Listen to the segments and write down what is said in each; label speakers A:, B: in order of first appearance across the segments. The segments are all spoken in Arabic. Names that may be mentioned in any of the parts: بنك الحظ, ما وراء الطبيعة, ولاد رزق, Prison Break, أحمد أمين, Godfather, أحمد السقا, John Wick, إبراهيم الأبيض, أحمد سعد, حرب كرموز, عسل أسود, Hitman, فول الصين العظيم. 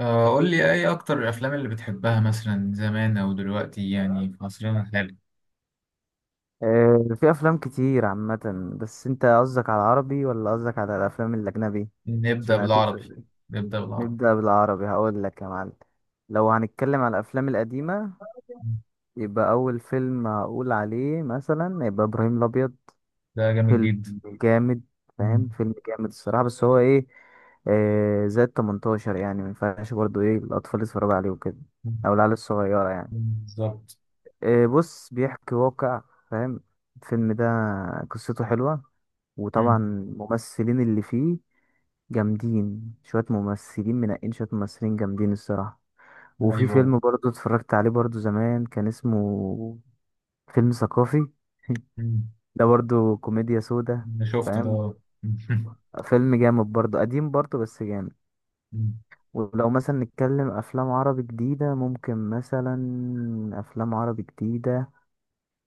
A: آه، قول لي ايه اكتر الافلام اللي بتحبها مثلا زمان او دلوقتي يعني في عصرنا الحالي.
B: آه، في افلام كتير عامه. بس انت قصدك على العربي ولا قصدك على الافلام الاجنبي؟
A: نبدا
B: عشان هتوف.
A: بالعربي. نبدا بالعربي.
B: نبدا بالعربي، هقول لك يا معلم. لو هنتكلم على الافلام القديمه، يبقى اول فيلم هقول عليه مثلا يبقى ابراهيم الابيض.
A: ده جامد
B: فيلم
A: جدا.
B: جامد،
A: مم.
B: فاهم؟ فيلم جامد الصراحه، بس هو ايه؟ زائد 18 يعني ما ينفعش برضه الاطفال يتفرجوا عليه وكده،
A: مم.
B: او العيال الصغيره يعني.
A: بالظبط.
B: آه، بص بيحكي واقع، فاهم؟ الفيلم ده قصته حلوه، وطبعا
A: مم.
B: الممثلين اللي فيه جامدين. شوية ممثلين منقين، شوية ممثلين جامدين الصراحة. وفي
A: ايوه.
B: فيلم برضو اتفرجت عليه برضو زمان، كان اسمه فيلم ثقافي.
A: مم.
B: ده برضو كوميديا سودا،
A: انا شفت
B: فاهم؟
A: ده.
B: فيلم جامد برضو، قديم برضو بس جامد.
A: مم.
B: ولو مثلا نتكلم أفلام عربي جديدة، ممكن مثلا أفلام عربي جديدة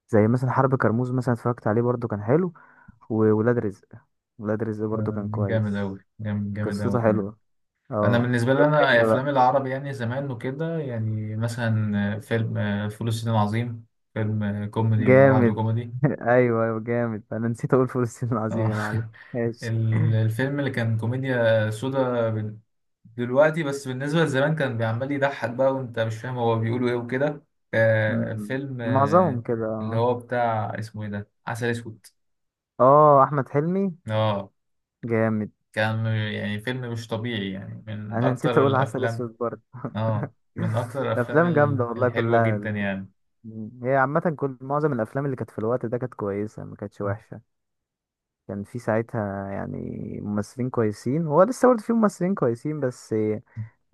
B: زي مثلا حرب كرموز، مثلا اتفرجت عليه برضو كان حلو. وولاد رزق، ولاد رزق برضو
A: آه،
B: كان
A: جامد
B: كويس،
A: اوي جامد اوي
B: قصته
A: كمان.
B: حلوة.
A: انا
B: اه،
A: بالنسبه لي
B: وتاني
A: انا
B: لا،
A: افلام
B: بقى
A: العربي يعني زمان وكده يعني مثلا فيلم فول الصين العظيم. فيلم كوميدي ما بعده
B: جامد.
A: كوميدي.
B: ايوه ايوه، جامد. انا نسيت اقول فول الصين العظيم
A: اه.
B: يا معلم. ماشي.
A: الفيلم اللي كان كوميديا سودا دلوقتي، بس بالنسبة لزمان كان بيعمل يضحك بقى وانت مش فاهم هو بيقولوا ايه وكده. آه،
B: أمم.
A: فيلم
B: معظمهم
A: آه،
B: كده
A: اللي
B: اه.
A: هو بتاع اسمه ايه ده، عسل اسود.
B: اه، احمد حلمي
A: اه،
B: جامد.
A: كان يعني فيلم مش طبيعي يعني، من
B: انا نسيت
A: اكتر
B: اقول عسل
A: الافلام.
B: اسود برضه.
A: اه، من اكتر الافلام
B: الافلام جامده والله
A: الحلوة
B: كلها
A: جدا
B: اللي كانت-
A: يعني.
B: أمم. هي عامه كل معظم الافلام اللي كانت في الوقت ده كانت كويسه، ما كانتش وحشه. كان في ساعتها يعني ممثلين كويسين، هو لسه برضه في ممثلين كويسين، بس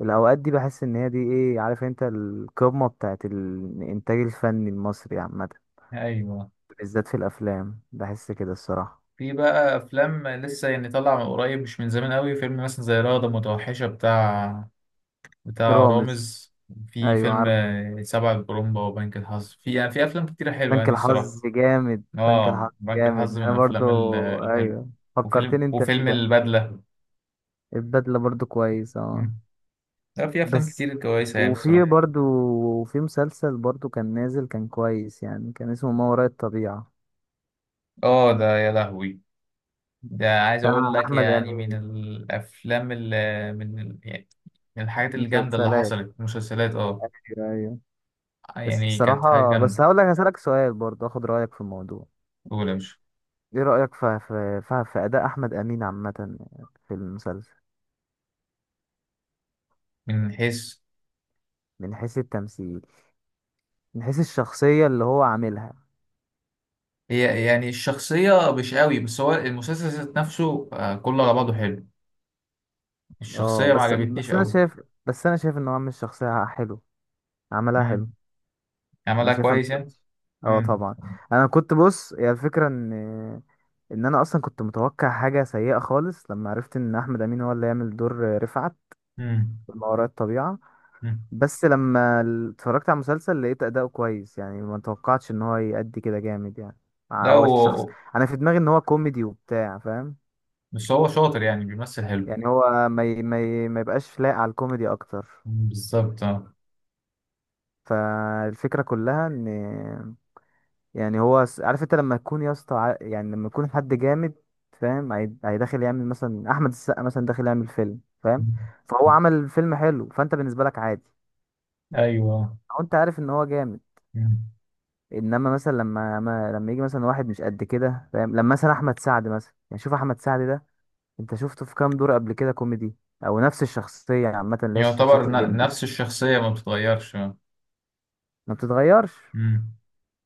B: الاوقات دي بحس ان هي دي ايه عارف انت، القمه بتاعت الانتاج الفني المصري عامه.
A: ايوه.
B: بالذات في الافلام بحس كده الصراحه.
A: في بقى افلام لسه يعني طالعه من قريب، مش من زمان قوي، فيلم مثلا زي رغده متوحشه بتاع، بتاع
B: رامز.
A: رامز. في
B: ايوه
A: فيلم
B: عارف،
A: سبع البرومبا وبنك الحظ. في يعني في افلام كتيره حلوه
B: بنك
A: يعني الصراحه.
B: الحظ جامد، بنك
A: اه،
B: الحظ
A: بنك
B: جامد.
A: الحظ من
B: انا برضو
A: الافلام الحلوه.
B: ايوه
A: وفيلم
B: فكرتني انت بيه
A: وفيلم
B: ده.
A: البدله.
B: البدله برضو كويس اه.
A: مم. لا، في افلام
B: بس
A: كتير كويسه يعني
B: وفي
A: الصراحه.
B: برضو وفي مسلسل برضو كان نازل، كان كويس يعني، كان اسمه ما وراء الطبيعه،
A: اه ده يا لهوي. ده عايز اقول
B: بتاع
A: لك
B: احمد
A: يعني من
B: امين.
A: الافلام اللي، يعني من الحاجات الجامده اللي
B: مسلسلات،
A: حصلت، مسلسلات اه.
B: ايوه أيوة.
A: يعني كانت حاجه
B: الصراحة بس
A: جامده.
B: هقول لك، هسألك سؤال برضه اخد رأيك في الموضوع.
A: قول يا باشا.
B: ايه رأيك في في أداء أحمد أمين عامة في المسلسل؟
A: من حيث.
B: من حيث التمثيل، من حيث الشخصية اللي هو عاملها.
A: هي يعني الشخصية مش قوي، بس هو المسلسل ذات نفسه كله على بعضه حلو.
B: اه
A: الشخصية ما
B: بس،
A: عجبتنيش
B: بس انا
A: قوي.
B: شايف بس انا شايف ان هو عامل الشخصية حلو، عملها حلو.
A: امم.
B: انا
A: عملها
B: شايفها
A: كويس يعني.
B: مسلسل، اه
A: امم.
B: طبعا. انا كنت بص، هي الفكرة ان انا اصلا كنت متوقع حاجة سيئة خالص لما عرفت ان احمد أمين هو اللي يعمل دور رفعت
A: امم.
B: في ما وراء الطبيعة.
A: أمم.
B: بس لما اتفرجت على المسلسل لقيت اداؤه كويس يعني، ما توقعتش ان هو يأدي كده جامد يعني. آه،
A: لا،
B: هو الشخص
A: هو
B: انا في دماغي ان هو كوميدي وبتاع، فاهم؟
A: هو شاطر يعني، بيمثل حلو.
B: يعني هو ما يبقاش لايق على الكوميدي اكتر.
A: أمم، بالظبط اه.
B: فالفكرة كلها ان يعني عارف انت لما يكون يا اسطى يعني لما يكون حد جامد، فاهم؟ هيدخل يعمل مثلا احمد السقا مثلا داخل يعمل فيلم، فاهم؟
A: أمم.
B: فهو عمل فيلم حلو، فانت بالنسبة لك عادي،
A: ايوه.
B: او انت عارف ان هو جامد.
A: أمم.
B: انما مثلا لما يجي مثلا واحد مش قد كده، فاهم؟ لما مثلا احمد سعد مثلا، يعني شوف احمد سعد ده، انت شفته في كام دور قبل كده كوميدي؟ او نفس الشخصيه عامه اللي هي شخصيه
A: يعتبر
B: الليمبي،
A: نفس الشخصية ما بتتغيرش آه.
B: ما بتتغيرش.
A: أمم.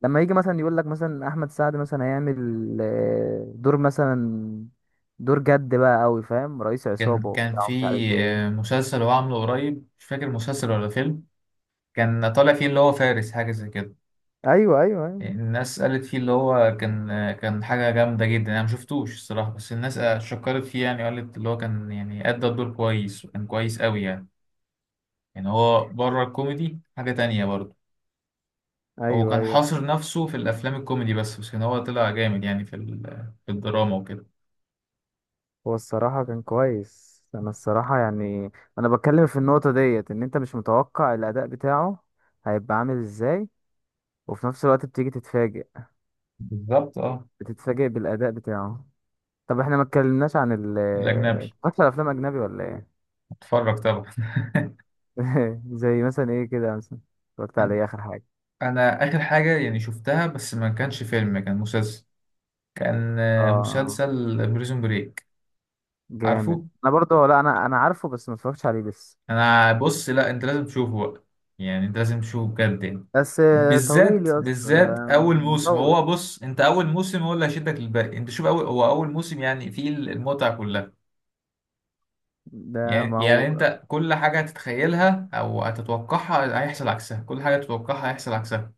B: لما يجي مثلا يقول لك مثلا احمد سعد مثلا هيعمل آه، دور مثلا دور جد بقى قوي، فاهم؟ رئيس عصابه
A: كان
B: وبتاع
A: في
B: ومش عارف ايه.
A: مسلسل هو عامله قريب، مش فاكر مسلسل ولا فيلم، كان طالع فيه اللي هو فارس حاجة زي كده.
B: ايوه ايوه ايوه
A: الناس قالت فيه اللي هو كان حاجة جامدة جدا. أنا مشفتوش الصراحة، بس الناس شكرت فيه يعني، قالت اللي هو كان يعني أدى الدور كويس وكان كويس أوي يعني. يعني هو بره الكوميدي حاجة تانية برضه. هو
B: ايوه
A: كان
B: ايوه
A: حاصر نفسه في الأفلام الكوميدي بس كان هو طلع جامد يعني في في الدراما وكده.
B: هو الصراحة كان كويس. أنا الصراحة يعني أنا بتكلم في النقطة ديت، إن أنت مش متوقع الأداء بتاعه هيبقى عامل إزاي، وفي نفس الوقت بتيجي تتفاجئ،
A: بالظبط اه.
B: بتتفاجئ بالأداء بتاعه. طب إحنا ما اتكلمناش عن ال-
A: الأجنبي.
B: اتفرجت على أفلام أجنبي ولا إيه؟
A: اتفرج طبعا.
B: زي مثلا إيه كده مثلا، اتفرجت على
A: أنا
B: إيه آخر حاجة؟
A: أنا آخر حاجة يعني شفتها، بس ما كانش فيلم، كان مسلسل. كان
B: آه
A: مسلسل بريزون بريك.
B: جامد.
A: عارفه؟
B: أنا برضه لا، أنا عارفه بس ما اتفرجتش عليه لسه.
A: انا بص، لا انت لازم تشوفه بقى، يعني انت لازم تشوفه بجد يعني.
B: بس طويل
A: بالذات
B: يا اسطى ده،
A: بالذات اول موسم.
B: مطول
A: هو بص، انت اول موسم هو اللي هيشدك للباقي. انت شوف اول، هو اول موسم يعني فيه المتعه كلها.
B: ده.
A: يعني
B: ما هو
A: يعني انت كل حاجه هتتخيلها او هتتوقعها هيحصل عكسها، كل حاجه تتوقعها هيحصل عكسها.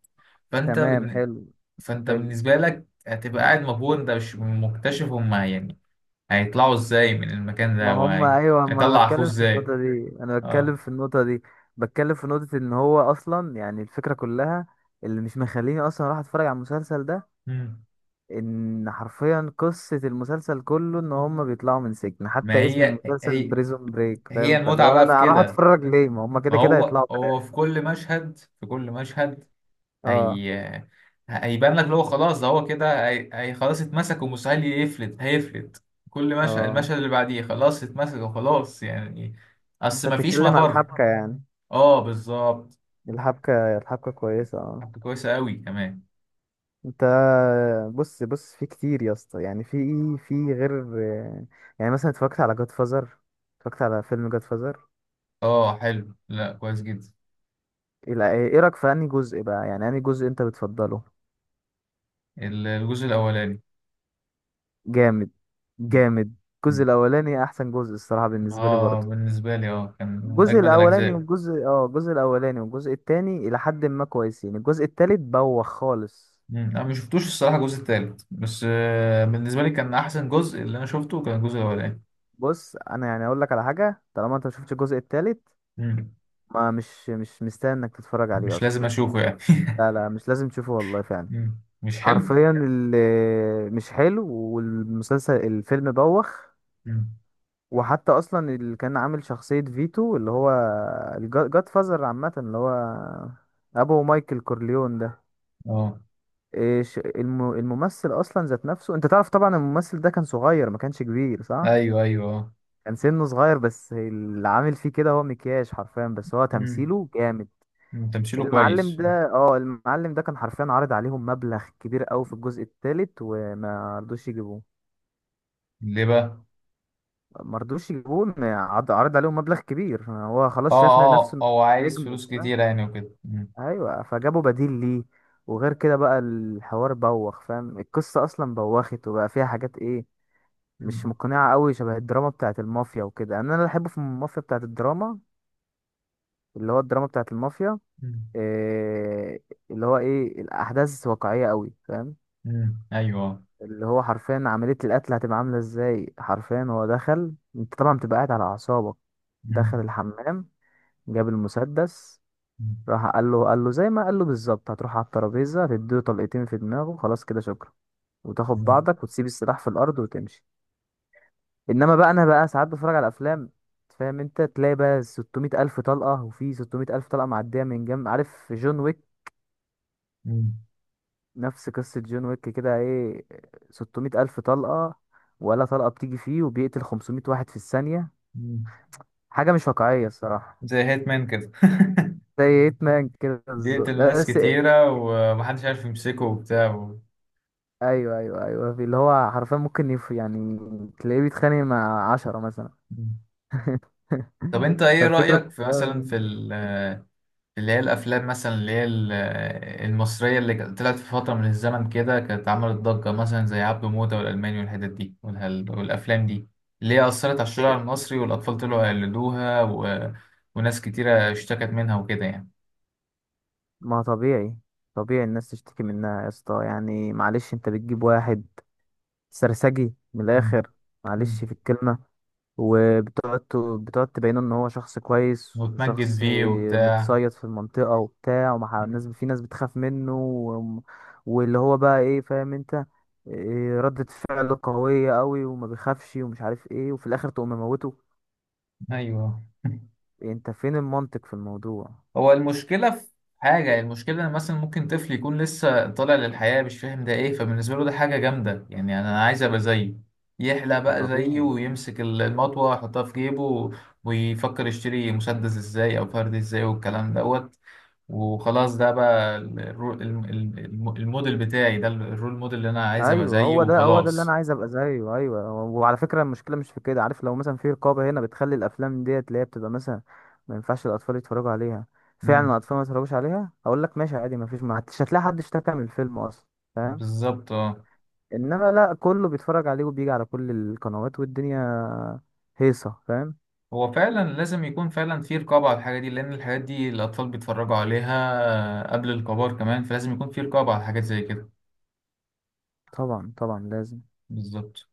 A: فانت
B: تمام
A: بن...
B: حلو،
A: فانت
B: حلو.
A: بالنسبه لك هتبقى قاعد مبهور، انت مش مكتشف هما يعني هيطلعوا ازاي من المكان
B: ما
A: ده
B: هم ايوه، ما انا
A: وهيطلع اخوه
B: بتكلم في
A: ازاي.
B: النقطه دي انا بتكلم
A: اه.
B: في النقطه دي، بتكلم في نقطه ان هو اصلا يعني الفكره كلها اللي مش مخليني اصلا اروح اتفرج على المسلسل ده،
A: مم.
B: ان حرفيا قصه المسلسل كله ان هم بيطلعوا من سجن،
A: ما
B: حتى اسم
A: هي
B: المسلسل
A: هي،
B: بريزون بريك،
A: هي
B: فاهم؟ فاللي
A: المتعة
B: هو
A: بقى في
B: انا هروح
A: كده.
B: اتفرج ليه، ما هم
A: ما
B: كده كده
A: هو
B: هيطلعوا في
A: هو في
B: الاخر.
A: كل مشهد، في كل مشهد
B: اه
A: هي، هيبان لك اللي هو خلاص ده هو كده، هي خلاص اتمسك، ومستحيل يفلت هيفلت. كل مشهد،
B: اه.
A: المشهد اللي بعديه خلاص اتمسك وخلاص يعني.
B: انت
A: اصل ما فيش
B: بتتكلم على
A: مفر.
B: الحبكه يعني،
A: اه بالظبط.
B: الحبكه، الحبكه كويسه اه.
A: حبكة كويسة قوي كمان.
B: انت بص بص، في كتير يا اسطى يعني، في ايه؟ في غير يعني مثلا اتفرجت على جاد فازر، اتفرجت على فيلم جاد فازر.
A: اه حلو، لا كويس جدا.
B: ايه، إيه رايك في انهي جزء بقى؟ يعني انهي جزء انت بتفضله؟
A: الجزء الاولاني.
B: جامد،
A: م-
B: جامد. الجزء
A: م.
B: الاولاني احسن جزء الصراحه، بالنسبه لي
A: اه،
B: برضه.
A: بالنسبة لي اه كان من
B: الجزء
A: اجمد
B: الاولاني
A: الاجزاء.
B: والجزء اه، الجزء الاولاني والجزء التاني الى حد ما كويسين. الجزء التالت بوخ خالص.
A: مم. انا ما شفتوش الصراحه الجزء التالت، بس بالنسبه لي كان احسن جزء اللي انا شفته كان الجزء الاولاني.
B: بص انا يعني اقول لك على حاجه، طالما انت مشفتش الجزء التالت
A: مم.
B: ما مش مش مستاهل انك تتفرج عليه
A: مش
B: اصلا.
A: لازم اشوفه يعني.
B: لا لا، مش لازم تشوفه والله فعلا.
A: مم. مش حلو.
B: حرفيا اللي مش حلو، والمسلسل الفيلم بوخ.
A: مم.
B: وحتى اصلا اللي كان عامل شخصية فيتو، اللي هو الجاد فازر عامة، اللي هو ابو مايكل كورليون ده،
A: اه.
B: إيش الممثل اصلا ذات نفسه، انت تعرف طبعا الممثل ده كان صغير، ما كانش كبير صح؟
A: ايوه اه.
B: كان سنه صغير، بس اللي عامل فيه كده هو مكياج حرفيا، بس هو
A: مم.
B: تمثيله جامد.
A: مم. تمثيله
B: المعلم
A: كويس.
B: ده اه، المعلم ده كان حرفيا عارض عليهم مبلغ كبير قوي في الجزء الثالث، وما رضوش يجيبوه.
A: ليه بقى؟
B: ما رضوش يجيبوه إن عرض عليهم مبلغ كبير، هو
A: اه.
B: خلاص شايف نفسه
A: اه،
B: إنه
A: هو عايز
B: نجم
A: فلوس
B: وبتاع.
A: كتير يعني وكده. مم.
B: ايوه، فجابوا بديل ليه. وغير كده بقى الحوار بوخ، فاهم؟ القصه اصلا بوخت، وبقى فيها حاجات ايه، مش
A: مم.
B: مقنعه قوي. شبه الدراما بتاعه المافيا وكده يعني، انا اللي بحبه في المافيا بتاعه الدراما، اللي هو الدراما بتاعه المافيا
A: مم.
B: إيه، اللي هو ايه الاحداث واقعيه قوي، فاهم؟
A: مم. ايوه.
B: اللي هو حرفيا عملية القتل هتبقى عاملة ازاي، حرفيا هو دخل، انت طبعا بتبقى قاعد على أعصابك،
A: مم.
B: دخل الحمام، جاب المسدس،
A: مم.
B: راح قال له، قال له زي ما قال له بالظبط، هتروح على الترابيزة، هتديله طلقتين في دماغه، خلاص كده شكرا، وتاخد
A: مم.
B: بعضك وتسيب السلاح في الأرض وتمشي. إنما بقى أنا بقى ساعات بتفرج على أفلام، فاهم؟ أنت تلاقي بقى 600 ألف طلقة، وفي 600 ألف طلقة معدية من جنب، عارف جون ويك؟
A: مم.
B: نفس قصة جون ويك كده، ايه، 600 ألف طلقة ولا طلقة بتيجي فيه، وبيقتل 500 واحد في الثانية.
A: مم.
B: حاجة مش واقعية الصراحة.
A: زي هيتمان كده.
B: زي هيتمان كده بالظبط
A: بيقتل
B: ده
A: ناس
B: بس.
A: كتيرة ومحدش عارف يمسكه وبتاع و...
B: ايوه في اللي هو حرفيا ممكن يعني تلاقيه بيتخانق مع عشرة مثلا.
A: طب انت ايه
B: فالفكرة
A: رأيك في مثلا
B: كلها-
A: في في اللي هي الافلام مثلا اللي هي المصرية اللي كانت طلعت في فترة من الزمن كده، كانت عملت ضجة مثلا زي عبده موتة والالماني والحتت دي والافلام دي، اللي هي اثرت على الشارع
B: إيه،
A: المصري والاطفال طلعوا يقلدوها و... وناس كتيرة اشتكت منها وكده يعني.
B: ما طبيعي. طبيعي الناس تشتكي منها يا اسطى يعني. معلش انت بتجيب واحد سرسجي من
A: مم.
B: الآخر،
A: مم.
B: معلش في الكلمة، بتقعد تبينه ان هو شخص كويس،
A: وتمجد
B: وشخص
A: فيه وبتاع.
B: متصيد في المنطقة وبتاع، ومع
A: مم.
B: الناس في ناس بتخاف منه والل هو بقى ايه، فاهم انت؟ إيه، ردة فعله قوية قوي وما بيخافش ومش عارف ايه، وفي الاخر تقوم مموته.
A: ايوه.
B: انت فين المنطق في الموضوع؟
A: هو المشكلة في حاجة يعني، المشكلة إن مثلا ممكن طفل يكون لسه طالع للحياة مش فاهم ده إيه، فبالنسبة له ده حاجة جامدة يعني أنا عايز أبقى زيه، يحلى
B: ما
A: بقى زيه
B: طبيعي.
A: ويمسك المطوة يحطها في جيبه و- ويفكر يشتري مسدس إزاي أو فرد إزاي والكلام دوت. وخلاص، ده بقى الموديل بتاعي ده، الرول موديل اللي أنا عايز أبقى
B: ايوه،
A: زيه
B: هو ده اللي انا
A: وخلاص.
B: عايز ابقى زيه. ايوه، وعلى فكره المشكله مش في كده، عارف؟ لو مثلا في رقابه هنا بتخلي الافلام ديت اللي هي بتبقى مثلا ما ينفعش الاطفال يتفرجوا عليها فعلا،
A: مم.
B: الاطفال ما يتفرجوش عليها، اقول لك ماشي عادي، ما فيش، ما حدش هتلاقي حد اشتكى من الفيلم اصلا، فاهم؟
A: بالظبط اه.
B: انما لا، كله بيتفرج عليه وبيجي على كل القنوات والدنيا هيصه، فاهم؟
A: هو فعلا لازم يكون فعلا في رقابة على الحاجة دي، لأن الحاجات دي الأطفال بيتفرجوا عليها قبل الكبار كمان، فلازم يكون في رقابة على حاجات زي كده.
B: طبعا طبعا لازم.
A: بالظبط.